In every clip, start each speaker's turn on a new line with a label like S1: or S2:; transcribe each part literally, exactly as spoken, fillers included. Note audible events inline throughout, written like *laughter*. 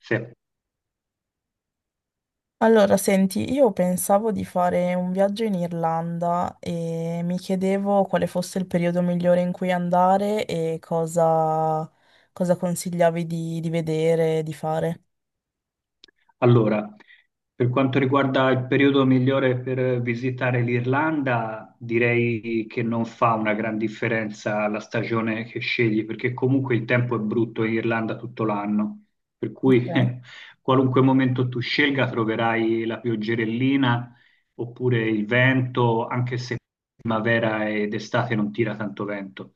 S1: Sì.
S2: Allora, senti, io pensavo di fare un viaggio in Irlanda e mi chiedevo quale fosse il periodo migliore in cui andare e cosa, cosa consigliavi di, di vedere, di fare.
S1: Allora, per quanto riguarda il periodo migliore per visitare l'Irlanda, direi che non fa una gran differenza la stagione che scegli, perché comunque il tempo è brutto in Irlanda tutto l'anno, per cui
S2: Ok.
S1: *laughs* qualunque momento tu scelga troverai la pioggerellina oppure il vento, anche se primavera ed estate non tira tanto vento.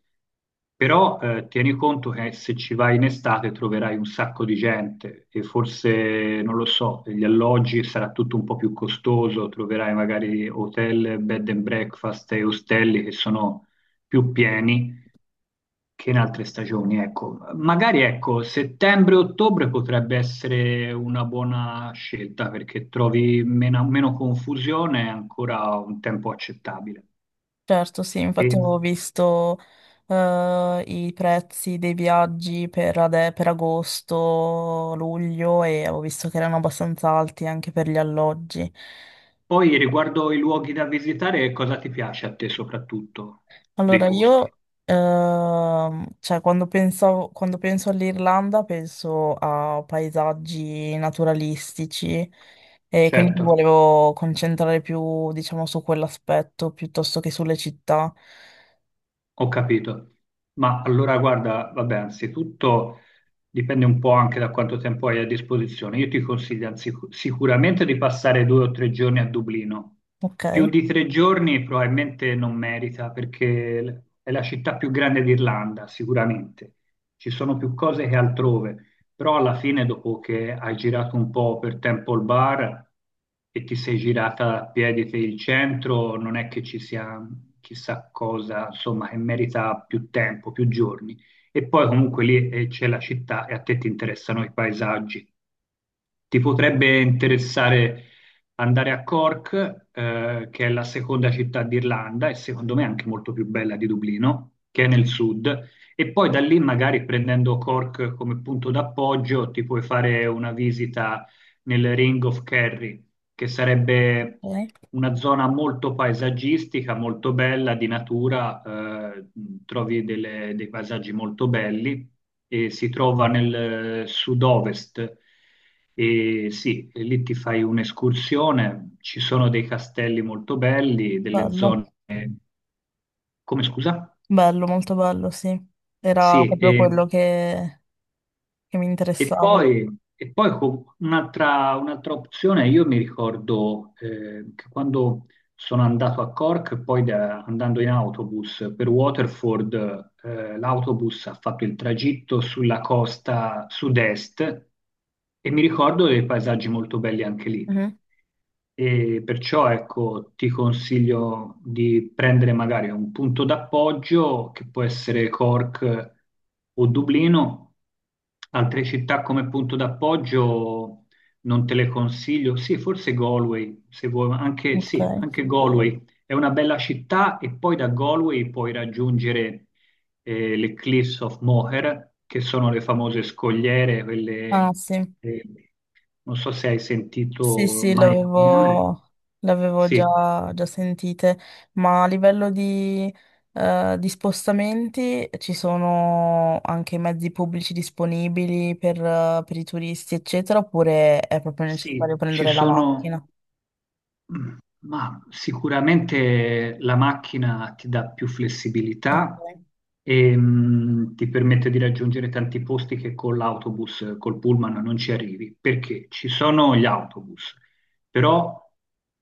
S1: Però eh, tieni conto che se ci vai in estate troverai un sacco di gente e forse, non lo so, gli alloggi sarà tutto un po' più costoso, troverai magari hotel, bed and breakfast e ostelli che sono più pieni che in altre stagioni. Ecco, magari ecco, settembre-ottobre potrebbe essere una buona scelta perché trovi meno, meno confusione e ancora un tempo accettabile.
S2: Certo, sì, infatti
S1: E-
S2: avevo visto eh, i prezzi dei viaggi per, ade- per agosto, luglio e avevo visto che erano abbastanza alti anche per gli alloggi.
S1: Poi riguardo i luoghi da visitare, cosa ti piace a te soprattutto
S2: Allora,
S1: dei posti?
S2: io, ehm, cioè, quando pensavo- quando penso all'Irlanda penso a paesaggi naturalistici e quindi mi
S1: Certo,
S2: volevo concentrare più, diciamo, su quell'aspetto piuttosto che sulle città.
S1: ho capito. Ma allora guarda, vabbè, anzitutto dipende un po' anche da quanto tempo hai a disposizione. Io ti consiglio anzi- sicuramente di passare due o tre giorni a Dublino.
S2: Ok,
S1: Più di tre giorni probabilmente non merita perché è la città più grande d'Irlanda, sicuramente. Ci sono più cose che altrove. Però alla fine, dopo che hai girato un po' per Temple Bar e ti sei girata a piedi per il centro, non è che ci sia chissà cosa, insomma, che merita più tempo, più giorni. E poi comunque lì eh, c'è la città e a te ti interessano i paesaggi. Ti potrebbe interessare andare a Cork, eh, che è la seconda città d'Irlanda e secondo me anche molto più bella di Dublino, che è nel sud, e poi da lì magari prendendo Cork come punto d'appoggio ti puoi fare una visita nel Ring of Kerry, che sarebbe
S2: ok.
S1: una zona molto paesaggistica, molto bella, di natura, eh, trovi delle- dei paesaggi molto belli e si trova nel eh, sud-ovest. E sì, e lì ti fai un'escursione, ci sono dei castelli molto belli, delle
S2: Bello,
S1: zone... Come scusa?
S2: bello, molto bello, sì. Era
S1: Sì,
S2: proprio
S1: e,
S2: quello che, che mi
S1: e
S2: interessava.
S1: poi, e poi co- un'altra un'altra opzione, io mi ricordo eh, che quando sono andato a Cork, poi da- andando in autobus per Waterford, eh, l'autobus ha fatto il tragitto sulla costa sud-est e mi ricordo dei paesaggi molto belli anche lì.
S2: Mhm.
S1: E perciò ecco, ti consiglio di prendere magari un punto d'appoggio che può essere Cork o Dublino, altre città come punto d'appoggio non te le consiglio. Sì, forse Galway, se vuoi, ma anche,
S2: Ok.
S1: sì, anche Galway è una bella città e poi da Galway puoi raggiungere eh, le Cliffs of Moher, che sono le famose scogliere,
S2: Ah,
S1: quelle,
S2: sì.
S1: eh, non so se hai
S2: Sì,
S1: sentito
S2: sì,
S1: mai nominare.
S2: l'avevo l'avevo
S1: Sì,
S2: già, già sentite, ma a livello di, eh, di spostamenti ci sono anche mezzi pubblici disponibili per, eh, per i turisti, eccetera, oppure è proprio necessario
S1: sì, ci
S2: prendere la
S1: sono.
S2: macchina?
S1: Ma sicuramente la macchina ti dà più flessibilità
S2: Ok,
S1: e mh, ti permette di raggiungere tanti posti che con l'autobus, col pullman non ci arrivi, perché ci sono gli autobus, però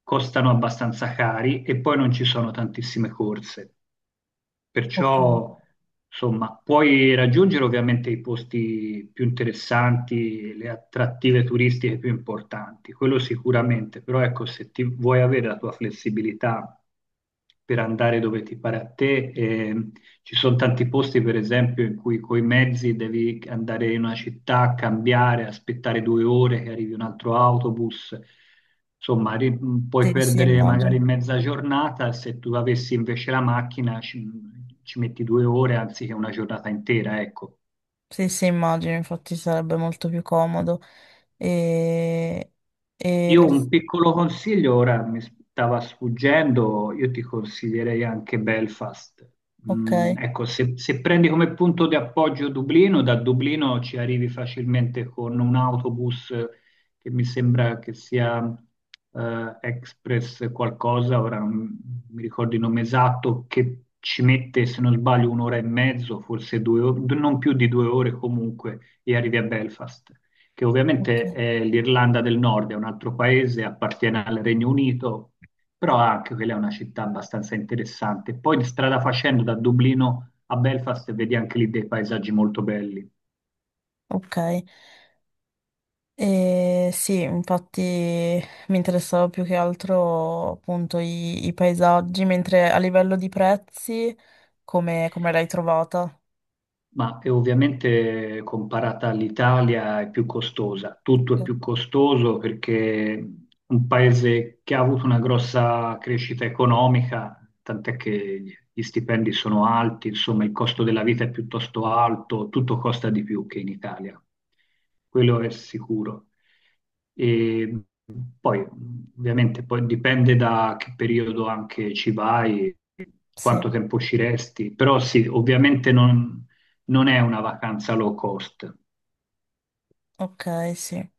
S1: costano abbastanza cari e poi non ci sono tantissime corse.
S2: ok.
S1: Perciò, insomma, puoi raggiungere ovviamente i posti più interessanti, le attrattive turistiche più importanti, quello sicuramente, però ecco, se ti vuoi avere la tua flessibilità per andare dove ti pare a te, eh, ci sono tanti posti, per esempio, in cui coi mezzi devi andare in una città, cambiare, aspettare due ore che arrivi un altro autobus. Insomma, ri- mh, puoi
S2: Sì, sì,
S1: perdere magari
S2: immagino.
S1: mezza giornata, se tu avessi invece la macchina ci, ci metti due ore anziché una giornata intera, ecco.
S2: Sì, sì, immagino, infatti sarebbe molto più comodo. E, e
S1: Io
S2: le-
S1: un piccolo consiglio, ora mi stava sfuggendo, io ti consiglierei anche Belfast.
S2: Ok,
S1: Mm, ecco, se, se prendi come punto di appoggio Dublino, da Dublino ci arrivi facilmente con un autobus che mi sembra che sia eh, Express qualcosa, ora non mi ricordo il nome esatto, che ci mette, se non sbaglio, un'ora e mezzo, forse due, o- non più di due ore comunque, e arrivi a Belfast che
S2: ok,
S1: ovviamente è l'Irlanda del Nord, è un altro paese, appartiene al Regno Unito, però anche quella è una città abbastanza interessante. Poi di strada facendo da Dublino a Belfast vedi anche lì dei paesaggi molto belli.
S2: ok. E sì, infatti mi interessava più che altro appunto i, i paesaggi, mentre a livello di prezzi, come, come l'hai trovata?
S1: Ma è ovviamente comparata all'Italia è più costosa, tutto è
S2: Ok.
S1: più costoso perché un paese che ha avuto una grossa crescita economica, tant'è che gli stipendi sono alti, insomma il costo della vita è piuttosto alto, tutto costa di più che in Italia, quello è sicuro. E poi ovviamente poi dipende da che periodo anche ci vai,
S2: Sì,
S1: quanto tempo ci resti, però sì, ovviamente non non è una vacanza low cost.
S2: ok, sì.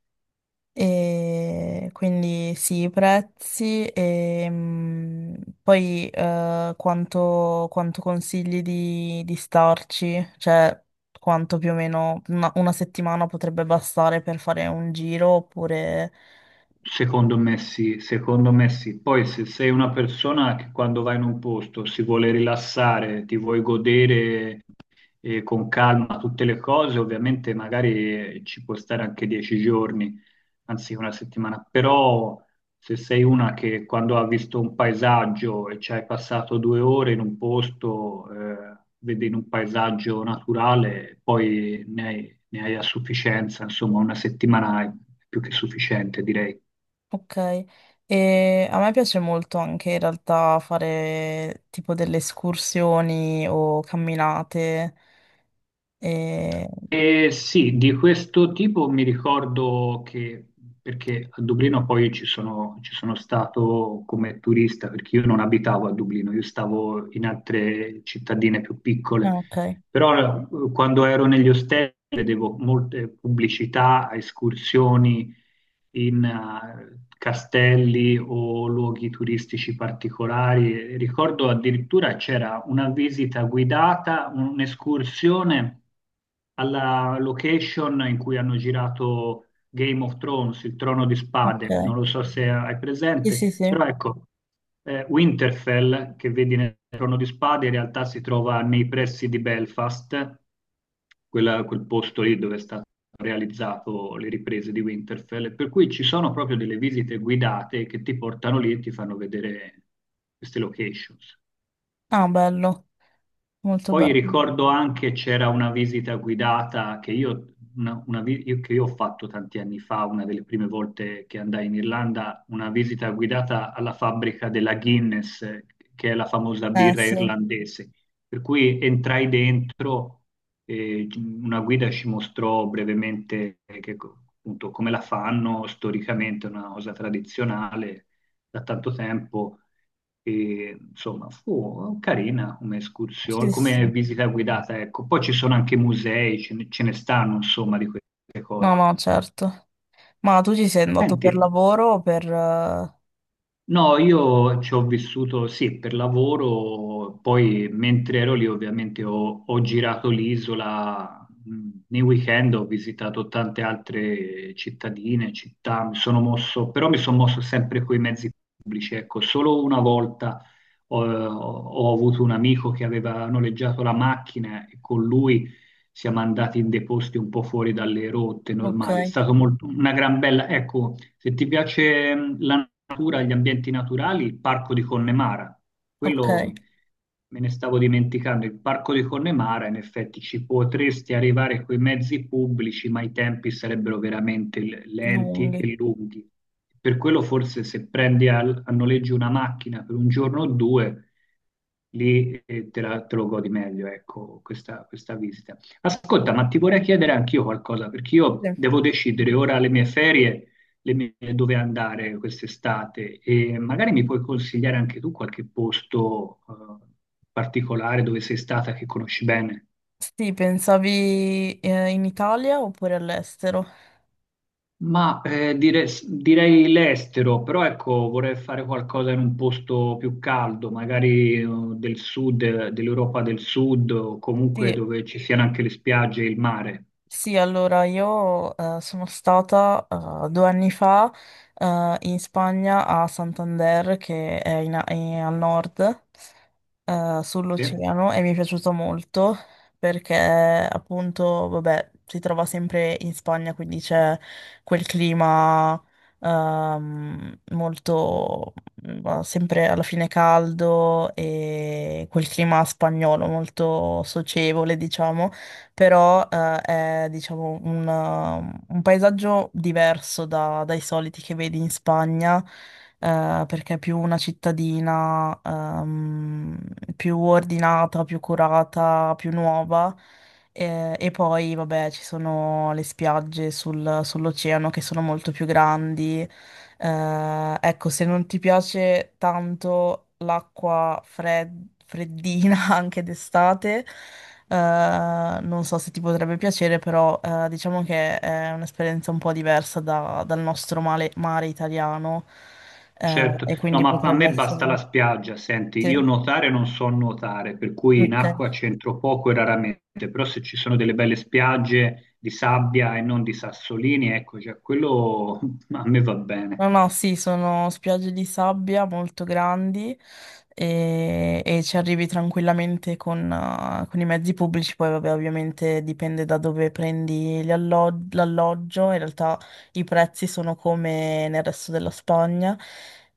S2: E quindi sì, i prezzi e mm, poi eh, quanto, quanto consigli di, di starci? Cioè, quanto più o meno una una settimana potrebbe bastare per fare un giro oppure...
S1: Secondo me sì, secondo me sì. Poi se sei una persona che quando vai in un posto si vuole rilassare, ti vuoi godere eh, con calma tutte le cose, ovviamente magari eh, ci può stare anche dieci giorni, anzi una settimana, però se sei una che quando ha visto un paesaggio e ci hai passato due ore in un posto, eh, vedi in un paesaggio naturale, poi ne hai, ne hai a sufficienza, insomma una settimana è più che sufficiente, direi.
S2: Ok, e a me piace molto anche in realtà fare tipo delle escursioni o camminate. E...
S1: Eh, sì, di questo tipo mi ricordo che, perché a Dublino poi ci sono, ci sono stato come turista, perché io non abitavo a Dublino, io stavo in altre cittadine più piccole,
S2: ah, ok,
S1: però eh, quando ero negli ostelli vedevo molte pubblicità, escursioni in eh, castelli o luoghi turistici particolari. Ricordo addirittura c'era una visita guidata, un'escursione alla location in cui hanno girato Game of Thrones, il Trono di Spade. Non
S2: ok.
S1: lo so se hai
S2: Sì, sì,
S1: presente,
S2: sì.
S1: però ecco, eh, Winterfell, che vedi nel Trono di Spade, in realtà si trova nei pressi di Belfast, quella- quel posto lì dove è stato realizzato le riprese di Winterfell, per cui ci sono proprio delle visite guidate che ti portano lì e ti fanno vedere queste locations.
S2: Ah, bello, molto
S1: Poi
S2: bello.
S1: ricordo anche c'era una visita guidata che io, una- una vi- io- che io ho fatto tanti anni fa, una delle prime volte che andai in Irlanda, una visita guidata alla fabbrica della Guinness, eh, che è la famosa
S2: Eh,
S1: birra
S2: sì.
S1: irlandese. Per cui entrai dentro e una guida ci mostrò brevemente che co- appunto come la fanno storicamente, una cosa tradizionale da tanto tempo. E, insomma, fu carina come escursione,
S2: Sì, sì.
S1: come visita guidata, ecco. Poi ci sono anche musei, ce ne, ce ne stanno, insomma, di queste
S2: No,
S1: cose.
S2: no, certo. Ma tu ci sei andato
S1: Senti,
S2: per lavoro o per... eh,
S1: No, io ci ho vissuto sì per lavoro, poi mentre ero lì ovviamente ho, ho girato l'isola, mh, nei weekend ho visitato tante altre cittadine, città, mi sono mosso, però mi sono mosso sempre con i mezzi pubblici, ecco, solo una volta ho, ho avuto un amico che aveva noleggiato la macchina e con lui siamo andati in dei posti un po' fuori dalle rotte
S2: Ok,
S1: normali, è stato molto, una gran bella, ecco. Se ti piace mm, la natura, gli ambienti naturali, il parco di Connemara.
S2: ok,
S1: Quello mm, me ne stavo dimenticando. Il parco di Connemara, in effetti, ci potresti arrivare con i mezzi pubblici, ma i tempi sarebbero veramente l- lenti
S2: lunghi.
S1: e lunghi. Per quello, forse, se prendi al- a, noleggio una macchina per un giorno o due, lì eh, te, la- te lo godi meglio, ecco, questa, questa visita. Ascolta, ma ti vorrei chiedere anch'io qualcosa, perché io
S2: Sì,
S1: devo decidere ora le mie ferie le mie- dove andare quest'estate e magari mi puoi consigliare anche tu qualche posto eh, particolare dove sei stata che conosci bene.
S2: sì, pensavi eh, in Italia oppure all'estero?
S1: Ma eh, dire- direi l'estero, però ecco, vorrei fare qualcosa in un posto più caldo, magari eh, del sud, eh, dell'Europa del Sud o comunque
S2: Sì,
S1: dove ci siano anche le spiagge e il mare.
S2: sì, allora io eh, sono stata eh, due anni fa eh, in Spagna a Santander, che è, in- è al nord, eh,
S1: Sì?
S2: sull'oceano, e mi è piaciuto molto perché appunto, vabbè, si trova sempre in Spagna, quindi c'è quel clima ehm, molto, mm, sempre alla fine caldo e quel clima spagnolo molto socievole, diciamo però eh, è diciamo un, uh, un paesaggio diverso da- dai soliti che vedi in Spagna, eh, perché è più una cittadina ehm, più ordinata, più curata, più nuova. Eh, E, poi, vabbè, ci sono le spiagge sul- sull'oceano che sono molto più grandi, eh, ecco, se non ti piace tanto l'acqua fred- freddina *laughs* anche d'estate, eh, non so se ti potrebbe piacere, però eh, diciamo che è un'esperienza un po' diversa da- dal nostro male- mare italiano, eh,
S1: Certo,
S2: e
S1: no,
S2: quindi
S1: ma a
S2: potrebbe
S1: me basta la
S2: essere...
S1: spiaggia, senti, io
S2: Sì,
S1: nuotare non so nuotare, per cui in
S2: ok.
S1: acqua c'entro poco e raramente, però se ci sono delle belle spiagge di sabbia e non di sassolini, ecco, già quello *laughs* a me va bene.
S2: No, no, sì, sono spiagge di sabbia molto grandi e, e ci arrivi tranquillamente con, eh, con i mezzi pubblici, poi vabbè, ovviamente dipende da dove prendi gli allo- l'alloggio, in realtà i prezzi sono come nel resto della Spagna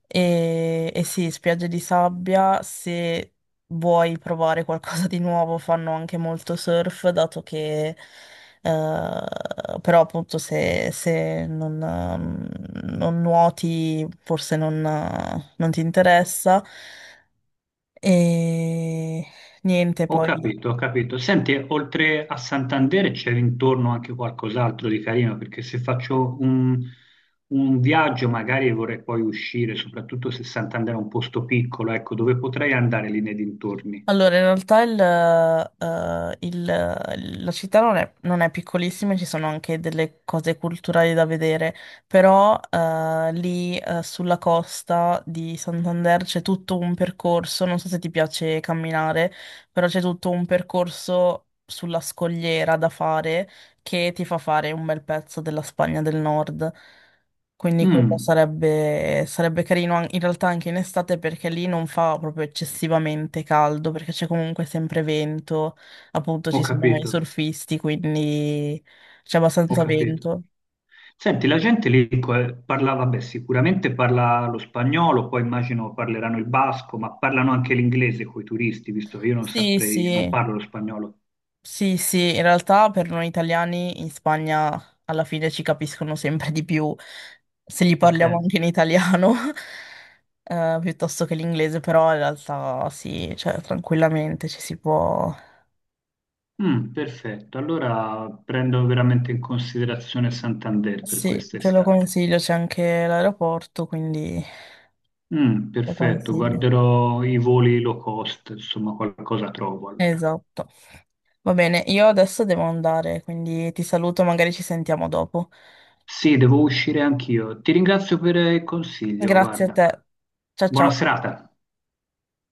S2: e, e sì, spiagge di sabbia, se vuoi provare qualcosa di nuovo fanno anche molto surf, dato che... Eh, però appunto se, se non, ehm, non nuoti forse non, eh, non ti interessa. E niente,
S1: Ho
S2: poi.
S1: capito, ho capito. Senti, oltre a Santander c'è intorno anche qualcos'altro di carino, perché se faccio un, un viaggio magari vorrei poi uscire, soprattutto se Santander è un posto piccolo, ecco, dove potrei andare lì nei dintorni.
S2: Allora, in realtà il, eh, il- la città non è, non è piccolissima, ci sono anche delle cose culturali da vedere, però eh, lì eh, sulla costa di Santander c'è tutto un percorso, non so se ti piace camminare, però c'è tutto un percorso sulla scogliera da fare che ti fa fare un bel pezzo della Spagna del Nord. Quindi quello
S1: Mm,
S2: sarebbe, sarebbe carino an- in realtà anche in estate perché lì non fa proprio eccessivamente caldo perché c'è comunque sempre vento, appunto
S1: ho
S2: ci sono i
S1: capito.
S2: surfisti, quindi c'è
S1: Ho
S2: abbastanza *laughs*
S1: capito.
S2: vento.
S1: Senti, la gente lì co- parla, vabbè, sicuramente parla lo spagnolo, poi immagino parleranno il basco, ma parlano anche l'inglese con i turisti, visto che io non
S2: Sì,
S1: saprei, non
S2: sì,
S1: parlo lo spagnolo.
S2: sì, sì, in realtà per noi italiani in Spagna alla fine ci capiscono sempre di più se gli
S1: Ok.
S2: parliamo anche in italiano *laughs* eh, piuttosto che l'inglese, però in realtà sì, cioè tranquillamente ci si può...
S1: Mm, perfetto. Allora prendo veramente in considerazione Santander per
S2: Sì, te lo
S1: quest'estate.
S2: consiglio, c'è anche l'aeroporto, quindi
S1: Mm,
S2: lo
S1: perfetto,
S2: consiglio.
S1: guarderò i voli low cost, insomma, qualcosa trovo allora.
S2: Esatto. Va bene, io adesso devo andare, quindi ti saluto, magari ci sentiamo dopo.
S1: Sì, devo uscire anch'io. Ti ringrazio per il consiglio,
S2: Grazie a
S1: guarda.
S2: te. Ciao
S1: Buona
S2: ciao.
S1: serata.